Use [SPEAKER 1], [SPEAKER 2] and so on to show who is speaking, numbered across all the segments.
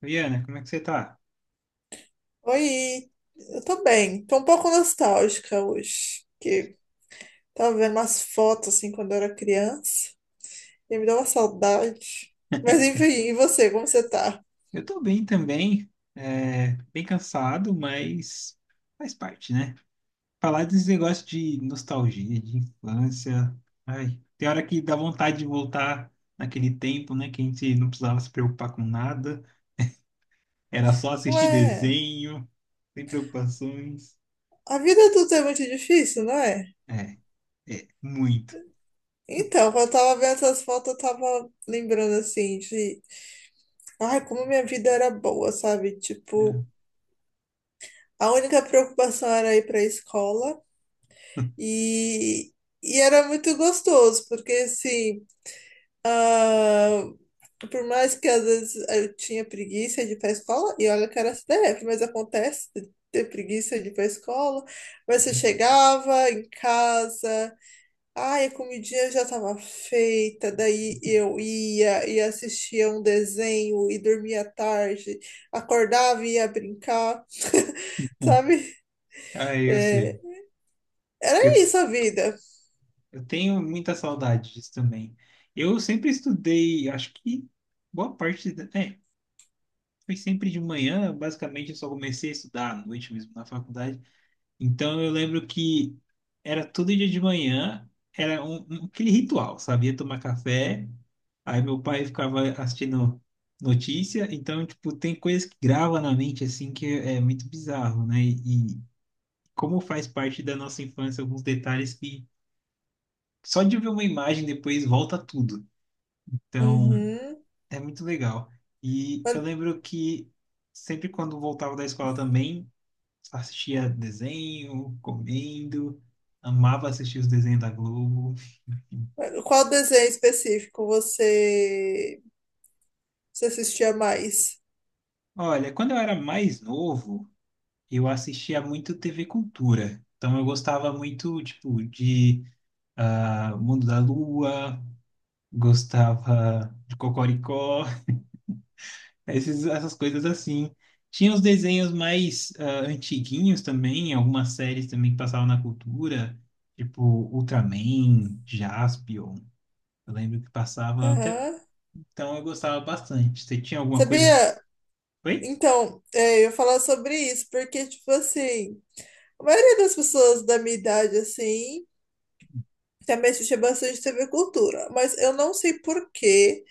[SPEAKER 1] Viana, como é que você tá?
[SPEAKER 2] Oi, eu tô bem. Tô um pouco nostálgica hoje, que tava vendo umas fotos assim quando eu era criança e me deu uma saudade. Mas enfim, e você, como você tá?
[SPEAKER 1] Eu tô bem também, bem cansado, mas faz parte, né? Falar desse negócio de nostalgia, de infância, ai, tem hora que dá vontade de voltar naquele tempo, né? Que a gente não precisava se preocupar com nada, era só assistir
[SPEAKER 2] Ué,
[SPEAKER 1] desenho, sem preocupações.
[SPEAKER 2] a vida adulta é muito difícil, não é?
[SPEAKER 1] É, é, muito. Eu-
[SPEAKER 2] Então, quando eu tava vendo essas fotos, eu tava lembrando assim de, ai, como minha vida era boa, sabe? Tipo,
[SPEAKER 1] é.
[SPEAKER 2] a única preocupação era ir para a escola e, era muito gostoso, porque assim, ah, por mais que às vezes eu tinha preguiça de ir para a escola, e olha que era CDF, mas acontece de ter preguiça de ir para a escola, mas você chegava em casa, ai, a comidinha já estava feita, daí eu ia e assistia um desenho e dormia tarde, acordava e ia brincar, sabe?
[SPEAKER 1] Ai, eu sei.
[SPEAKER 2] É, era
[SPEAKER 1] Eu
[SPEAKER 2] isso a vida.
[SPEAKER 1] Eu tenho muita saudade disso também. Eu sempre estudei, acho que boa parte da, foi sempre de manhã, basicamente eu só comecei a estudar à noite mesmo na faculdade. Então eu lembro que era todo dia de manhã, era aquele ritual, sabia? Tomar café, aí meu pai ficava assistindo notícia, então tipo tem coisas que grava na mente assim que é muito bizarro, né? E como faz parte da nossa infância alguns detalhes que só de ver uma imagem depois volta tudo. Então,
[SPEAKER 2] Uhum.
[SPEAKER 1] é muito legal. E eu
[SPEAKER 2] Mas-
[SPEAKER 1] lembro que sempre quando voltava da escola também, assistia desenho, comendo, amava assistir os desenhos da Globo.
[SPEAKER 2] mas qual desenho específico você, você assistia mais?
[SPEAKER 1] Olha, quando eu era mais novo, eu assistia muito TV Cultura. Então eu gostava muito, tipo, de Mundo da Lua, gostava de Cocoricó. Essas coisas assim. Tinha os desenhos mais antiguinhos também, algumas séries também que passavam na cultura, tipo Ultraman, Jaspion. Eu lembro que passava até.
[SPEAKER 2] Aham.
[SPEAKER 1] Então eu gostava bastante. Você tinha alguma coisa que.
[SPEAKER 2] Sabia?
[SPEAKER 1] Foi?
[SPEAKER 2] Então, é, eu ia falar sobre isso, porque, tipo assim, a maioria das pessoas da minha idade, assim, também assistia bastante TV Cultura, mas eu não sei por quê.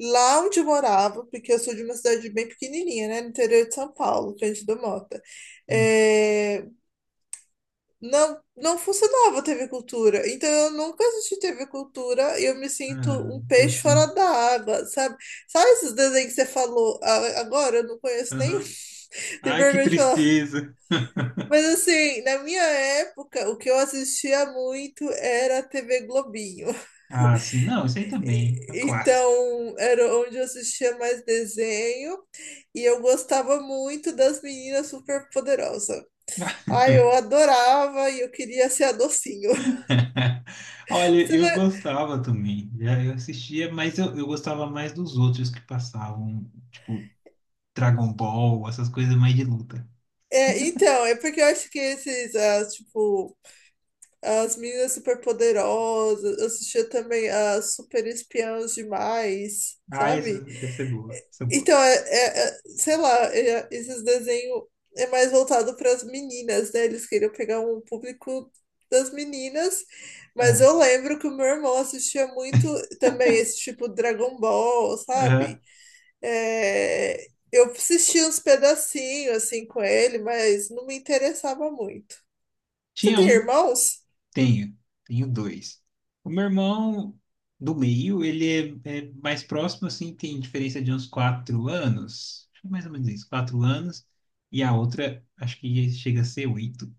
[SPEAKER 2] Lá onde eu morava, porque eu sou de uma cidade bem pequenininha, né, no interior de São Paulo, Cândido Mota. É, não funcionava a TV Cultura. Então eu nunca assisti TV Cultura e eu me
[SPEAKER 1] Ah,
[SPEAKER 2] sinto um
[SPEAKER 1] não
[SPEAKER 2] peixe fora
[SPEAKER 1] acredito.
[SPEAKER 2] da água, sabe? Sabe esses desenhos que você falou agora? Eu não conheço nem,
[SPEAKER 1] Aham.
[SPEAKER 2] tenho
[SPEAKER 1] Ai, que
[SPEAKER 2] vergonha de falar.
[SPEAKER 1] tristeza.
[SPEAKER 2] Mas assim, na minha época, o que eu assistia muito era a TV Globinho.
[SPEAKER 1] Ah, sim, não, isso aí também. É um clássico.
[SPEAKER 2] Então era onde eu assistia mais desenho e eu gostava muito das meninas super poderosas. Ai, eu adorava e eu queria ser a docinho.
[SPEAKER 1] Olha,
[SPEAKER 2] Você não-
[SPEAKER 1] eu
[SPEAKER 2] é.
[SPEAKER 1] gostava também. Já eu assistia, mas eu gostava mais dos outros que passavam, tipo Dragon Ball, essas coisas mais de luta.
[SPEAKER 2] É, então, é porque eu acho que esses, as, tipo, as meninas superpoderosas, eu assistia também as super espiãs demais,
[SPEAKER 1] Ah,
[SPEAKER 2] sabe?
[SPEAKER 1] essa é boa, essa é boa.
[SPEAKER 2] Então, sei lá, esses desenhos é mais voltado para as meninas, né? Eles queriam pegar um público das meninas, mas
[SPEAKER 1] Ah,
[SPEAKER 2] eu lembro que o meu irmão assistia muito também esse tipo Dragon Ball,
[SPEAKER 1] aham.
[SPEAKER 2] sabe? É, eu assisti uns pedacinhos assim com ele, mas não me interessava muito. Você
[SPEAKER 1] Tinha
[SPEAKER 2] tem
[SPEAKER 1] um?
[SPEAKER 2] irmãos?
[SPEAKER 1] Tenho, tenho dois. O meu irmão do meio, ele é mais próximo, assim, tem diferença de uns quatro anos, acho que mais ou menos isso, quatro anos, e a outra, acho que chega a ser oito.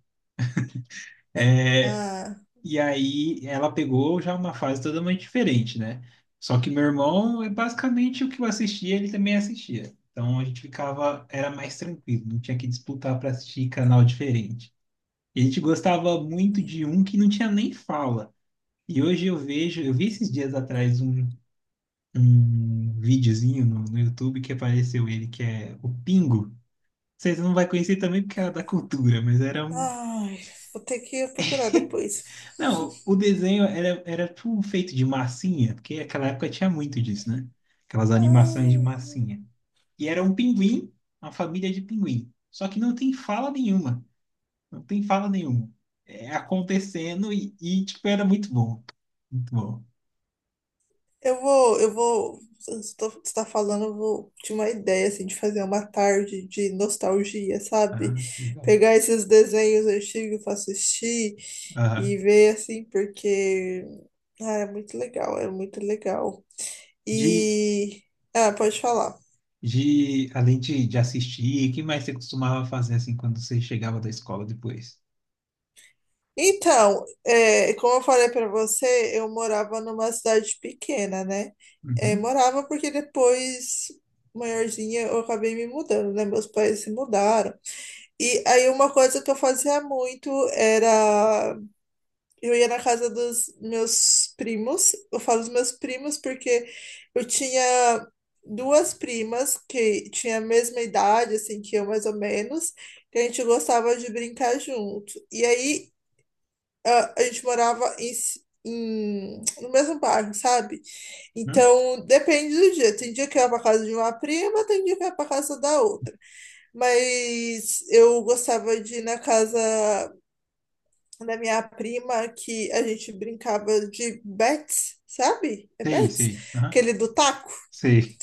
[SPEAKER 2] Ah,
[SPEAKER 1] E aí ela pegou já uma fase totalmente diferente, né? Só que meu irmão, é basicamente o que eu assistia, ele também assistia. Então a gente ficava, era mais tranquilo, não tinha que disputar para assistir canal diferente. E a gente gostava muito de um que não tinha nem fala. E hoje eu vejo, eu vi esses dias atrás um videozinho no YouTube que apareceu ele, que é o Pingo. Vocês não vai conhecer também porque era da cultura, mas era um.
[SPEAKER 2] ai, vou ter que procurar depois.
[SPEAKER 1] Não, o desenho era tudo feito de massinha, porque naquela época tinha muito disso, né? Aquelas animações de
[SPEAKER 2] Ah,
[SPEAKER 1] massinha. E era um pinguim, uma família de pinguim. Só que não tem fala nenhuma. Não tem fala nenhuma. É acontecendo tipo, era muito bom. Muito bom.
[SPEAKER 2] eu vou. Você está falando, eu vou de uma ideia assim de fazer uma tarde de nostalgia, sabe?
[SPEAKER 1] Ah, que legal.
[SPEAKER 2] Pegar esses desenhos antigos para assistir
[SPEAKER 1] Aham.
[SPEAKER 2] e ver assim, porque ah, era muito legal.
[SPEAKER 1] De,
[SPEAKER 2] E. Ah, pode falar.
[SPEAKER 1] além de assistir, o que mais você costumava fazer, assim, quando você chegava da escola depois?
[SPEAKER 2] Então, é, como eu falei para você, eu morava numa cidade pequena, né? É,
[SPEAKER 1] Uhum.
[SPEAKER 2] morava porque depois, maiorzinha, eu acabei me mudando, né? Meus pais se mudaram. E aí, uma coisa que eu fazia muito era, eu ia na casa dos meus primos. Eu falo dos meus primos porque eu tinha duas primas que tinham a mesma idade, assim, que eu mais ou menos, que a gente gostava de brincar junto. E aí a gente morava em, no mesmo bairro, sabe?
[SPEAKER 1] Uhum.
[SPEAKER 2] Então depende do dia. Tem dia que eu ia pra casa de uma prima, tem dia que eu ia pra casa da outra. Mas eu gostava de ir na casa da minha prima que a gente brincava de bets, sabe? É
[SPEAKER 1] Sei,
[SPEAKER 2] bets?
[SPEAKER 1] sei. Aham.
[SPEAKER 2] Aquele do taco.
[SPEAKER 1] Sei.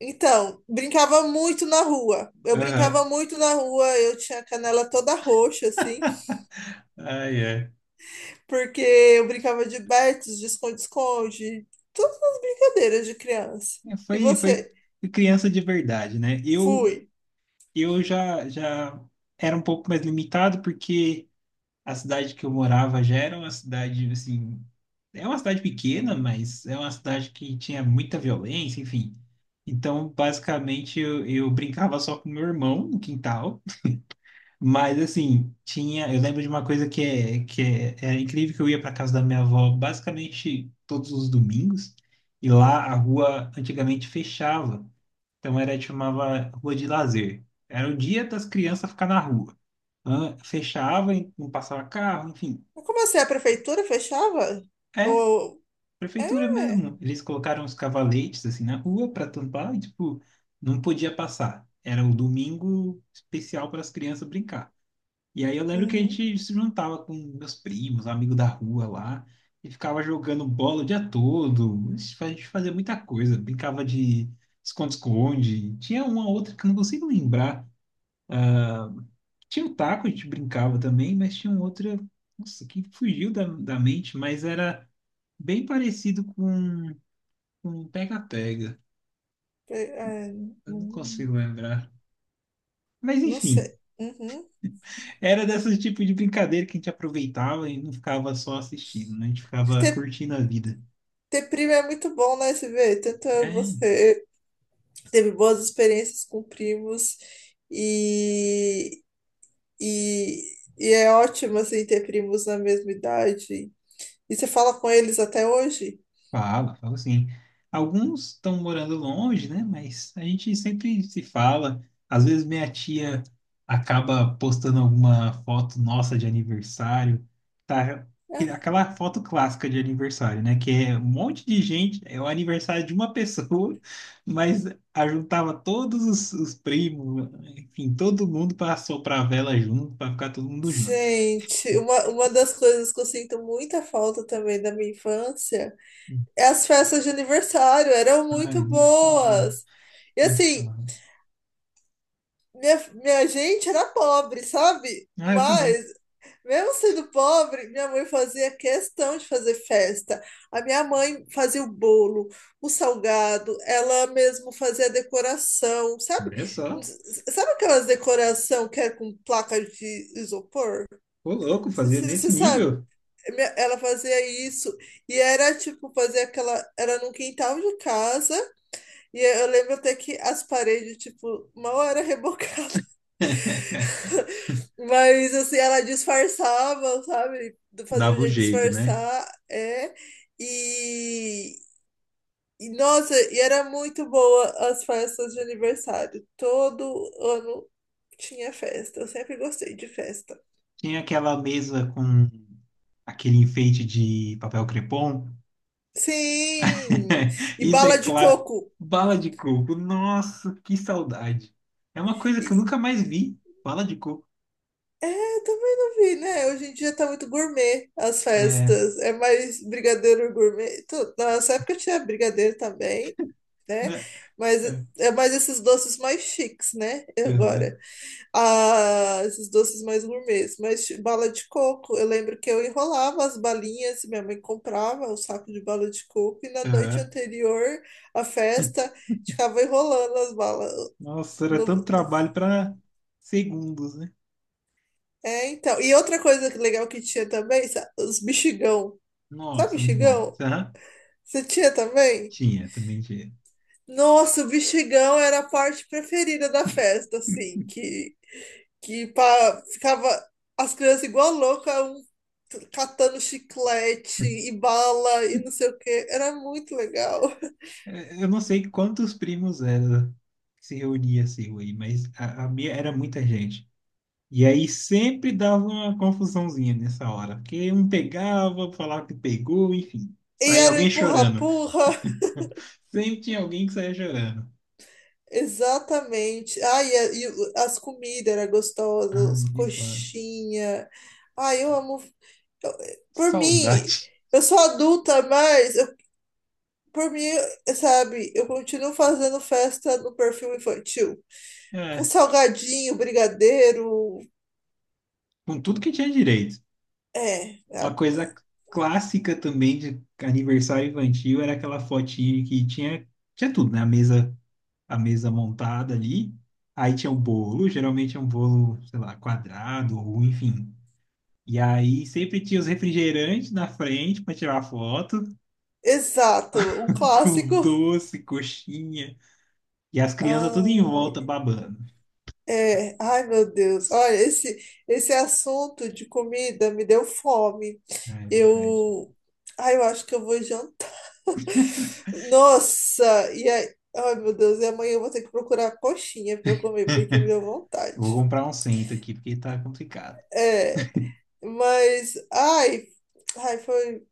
[SPEAKER 2] Então, brincava muito na rua. Eu brincava
[SPEAKER 1] Aham.
[SPEAKER 2] muito na rua, eu tinha a canela toda roxa, assim,
[SPEAKER 1] Ai, ai.
[SPEAKER 2] porque eu brincava de bets, de esconde-esconde, todas as brincadeiras de criança.
[SPEAKER 1] É,
[SPEAKER 2] E
[SPEAKER 1] foi, foi
[SPEAKER 2] você?
[SPEAKER 1] criança de verdade, né?
[SPEAKER 2] Fui.
[SPEAKER 1] Eu já, já era um pouco mais limitado, porque a cidade que eu morava já era uma cidade, assim, é uma cidade pequena, mas é uma cidade que tinha muita violência, enfim. Então, basicamente, eu brincava só com meu irmão no quintal, mas, assim, tinha. Eu lembro de uma coisa era incrível, que eu ia para casa da minha avó basicamente todos os domingos, e lá a rua antigamente fechava. Então era chamava Rua de Lazer. Era o dia das crianças ficar na rua. Hã? Fechava, e não passava carro, enfim.
[SPEAKER 2] Eu comecei a prefeitura, fechava?
[SPEAKER 1] É,
[SPEAKER 2] Ou.
[SPEAKER 1] prefeitura
[SPEAKER 2] É.
[SPEAKER 1] mesmo. Eles colocaram os cavaletes assim na rua para tampar e tipo não podia passar. Era um domingo especial para as crianças brincar. E aí eu lembro que a
[SPEAKER 2] Uhum.
[SPEAKER 1] gente se juntava com meus primos, amigos da rua lá, e ficava jogando bola o dia todo. A gente fazia muita coisa, brincava de esconde-esconde. Tinha uma outra que eu não consigo lembrar. Tinha o taco, a gente brincava também, mas tinha um outro, nossa, que fugiu da mente, mas era bem parecido com um pega-pega.
[SPEAKER 2] É, é,
[SPEAKER 1] Eu não
[SPEAKER 2] uhum.
[SPEAKER 1] consigo lembrar. Mas
[SPEAKER 2] Não
[SPEAKER 1] enfim,
[SPEAKER 2] sei. Uhum.
[SPEAKER 1] era desse tipo de brincadeira que a gente aproveitava e não ficava só assistindo, né? A gente ficava curtindo a vida.
[SPEAKER 2] Ter primo é muito bom, né, CV? Tanto é
[SPEAKER 1] É.
[SPEAKER 2] você teve boas experiências com primos e, e, e é ótimo, assim, ter primos na mesma idade. E você fala com eles até hoje?
[SPEAKER 1] Fala, fala sim. Alguns estão morando longe, né? Mas a gente sempre se fala. Às vezes minha tia acaba postando alguma foto nossa de aniversário. Tá?
[SPEAKER 2] Ah,
[SPEAKER 1] Aquela foto clássica de aniversário, né? Que é um monte de gente, é o aniversário de uma pessoa, mas ajuntava todos os primos, enfim, todo mundo para soprar a vela junto, para ficar todo mundo junto.
[SPEAKER 2] gente, uma das coisas que eu sinto muita falta também da minha infância é as festas de aniversário, eram
[SPEAKER 1] Ah,
[SPEAKER 2] muito
[SPEAKER 1] nem fala,
[SPEAKER 2] boas. E
[SPEAKER 1] nem
[SPEAKER 2] assim,
[SPEAKER 1] fala.
[SPEAKER 2] minha gente era pobre, sabe?
[SPEAKER 1] Ah, eu também.
[SPEAKER 2] Mas mesmo sendo pobre, minha mãe fazia questão de fazer festa. A minha mãe fazia o bolo, o salgado, ela mesmo fazia a decoração, sabe?
[SPEAKER 1] Olha só.
[SPEAKER 2] Sabe aquelas decoração que é com placa de isopor?
[SPEAKER 1] Ô, louco, fazia
[SPEAKER 2] Você
[SPEAKER 1] nesse
[SPEAKER 2] sabe?
[SPEAKER 1] nível.
[SPEAKER 2] Ela fazia isso e era tipo fazer aquela, era num quintal de casa e eu lembro até que as paredes tipo mal era rebocada. Mas assim, ela disfarçava, sabe? Fazia um
[SPEAKER 1] Dava o
[SPEAKER 2] jeito de
[SPEAKER 1] jeito, né?
[SPEAKER 2] disfarçar, é. E, e nossa, e era muito boa as festas de aniversário. Todo ano tinha festa. Eu sempre gostei de festa.
[SPEAKER 1] Tinha aquela mesa com aquele enfeite de papel crepom.
[SPEAKER 2] Sim! E
[SPEAKER 1] Isso é
[SPEAKER 2] bala de
[SPEAKER 1] claro.
[SPEAKER 2] coco.
[SPEAKER 1] Bala de coco. Nossa, que saudade. É uma coisa que eu
[SPEAKER 2] E,
[SPEAKER 1] nunca mais vi. Bala de coco.
[SPEAKER 2] é, também não vi, né? Hoje em dia tá muito gourmet as
[SPEAKER 1] É.
[SPEAKER 2] festas. É mais brigadeiro gourmet. Na nossa época tinha brigadeiro também, né?
[SPEAKER 1] Né?
[SPEAKER 2] Mas
[SPEAKER 1] É.
[SPEAKER 2] é mais esses doces mais chiques, né?
[SPEAKER 1] Aham,
[SPEAKER 2] Agora. Ah, esses doces mais gourmets. Mas bala de coco, eu lembro que eu enrolava as balinhas, minha mãe comprava um saco de bala de coco e na noite
[SPEAKER 1] aham.
[SPEAKER 2] anterior à festa ficava enrolando as balas.
[SPEAKER 1] Nossa, era tanto trabalho para segundos, né?
[SPEAKER 2] É, então. E outra coisa legal que tinha também, os bexigão. Sabe
[SPEAKER 1] Nossa, muito bom.
[SPEAKER 2] bexigão?
[SPEAKER 1] Aham.
[SPEAKER 2] Você tinha também?
[SPEAKER 1] Tinha, também tinha.
[SPEAKER 2] Nossa, o bexigão era a parte preferida da festa, assim, que ficava as crianças igual louca, catando chiclete e bala e não sei o quê. Era muito legal.
[SPEAKER 1] É, eu não sei quantos primos era que se reunia assim aí, mas a minha era muita gente. E aí sempre dava uma confusãozinha nessa hora, porque um pegava, falava que pegou, enfim,
[SPEAKER 2] E
[SPEAKER 1] saía
[SPEAKER 2] era o
[SPEAKER 1] alguém chorando.
[SPEAKER 2] empurra-purra.
[SPEAKER 1] Sempre tinha alguém que saía chorando.
[SPEAKER 2] Exatamente. Ai e as comidas eram gostosas,
[SPEAKER 1] Ai, de fala.
[SPEAKER 2] coxinha. Ai, eu amo. Por mim,
[SPEAKER 1] Saudade.
[SPEAKER 2] eu sou adulta, mas eu- por mim, sabe, eu continuo fazendo festa no perfil infantil. Com
[SPEAKER 1] É,
[SPEAKER 2] salgadinho, brigadeiro.
[SPEAKER 1] com tudo que tinha direito.
[SPEAKER 2] É,
[SPEAKER 1] Uma
[SPEAKER 2] é,
[SPEAKER 1] coisa clássica também de aniversário infantil era aquela fotinha que tinha, tinha tudo, né? A mesa montada ali. Aí tinha o bolo, geralmente é um bolo, sei lá, quadrado ou enfim. E aí sempre tinha os refrigerantes na frente para tirar foto,
[SPEAKER 2] exato, um
[SPEAKER 1] com
[SPEAKER 2] clássico.
[SPEAKER 1] doce, coxinha, e as crianças tudo em
[SPEAKER 2] Ah,
[SPEAKER 1] volta babando.
[SPEAKER 2] é, ai meu Deus, olha, esse assunto de comida me deu fome.
[SPEAKER 1] Ah, é verdade.
[SPEAKER 2] Eu, ai, eu acho que eu vou jantar. Nossa, e aí, ai meu Deus, e amanhã eu vou ter que procurar coxinha para comer, porque me deu
[SPEAKER 1] Eu vou
[SPEAKER 2] vontade.
[SPEAKER 1] comprar um cento aqui, porque tá complicado.
[SPEAKER 2] É, mas, ai, ai, foi,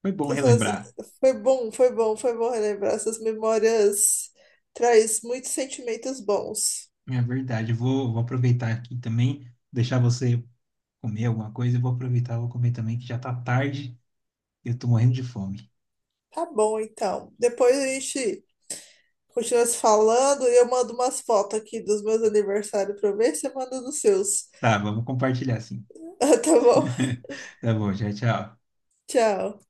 [SPEAKER 1] Foi bom
[SPEAKER 2] essas,
[SPEAKER 1] relembrar.
[SPEAKER 2] foi bom, foi bom relembrar essas memórias, traz muitos sentimentos bons.
[SPEAKER 1] É verdade. Eu vou aproveitar aqui também, deixar você comer alguma coisa e vou aproveitar, vou comer também, que já tá tarde e eu tô morrendo de fome.
[SPEAKER 2] Tá bom, então. Depois a gente continua se falando e eu mando umas fotos aqui dos meus aniversários pra ver se você manda dos seus.
[SPEAKER 1] Tá, vamos compartilhar sim.
[SPEAKER 2] Tá bom?
[SPEAKER 1] Tá bom, tchau, tchau.
[SPEAKER 2] Tchau.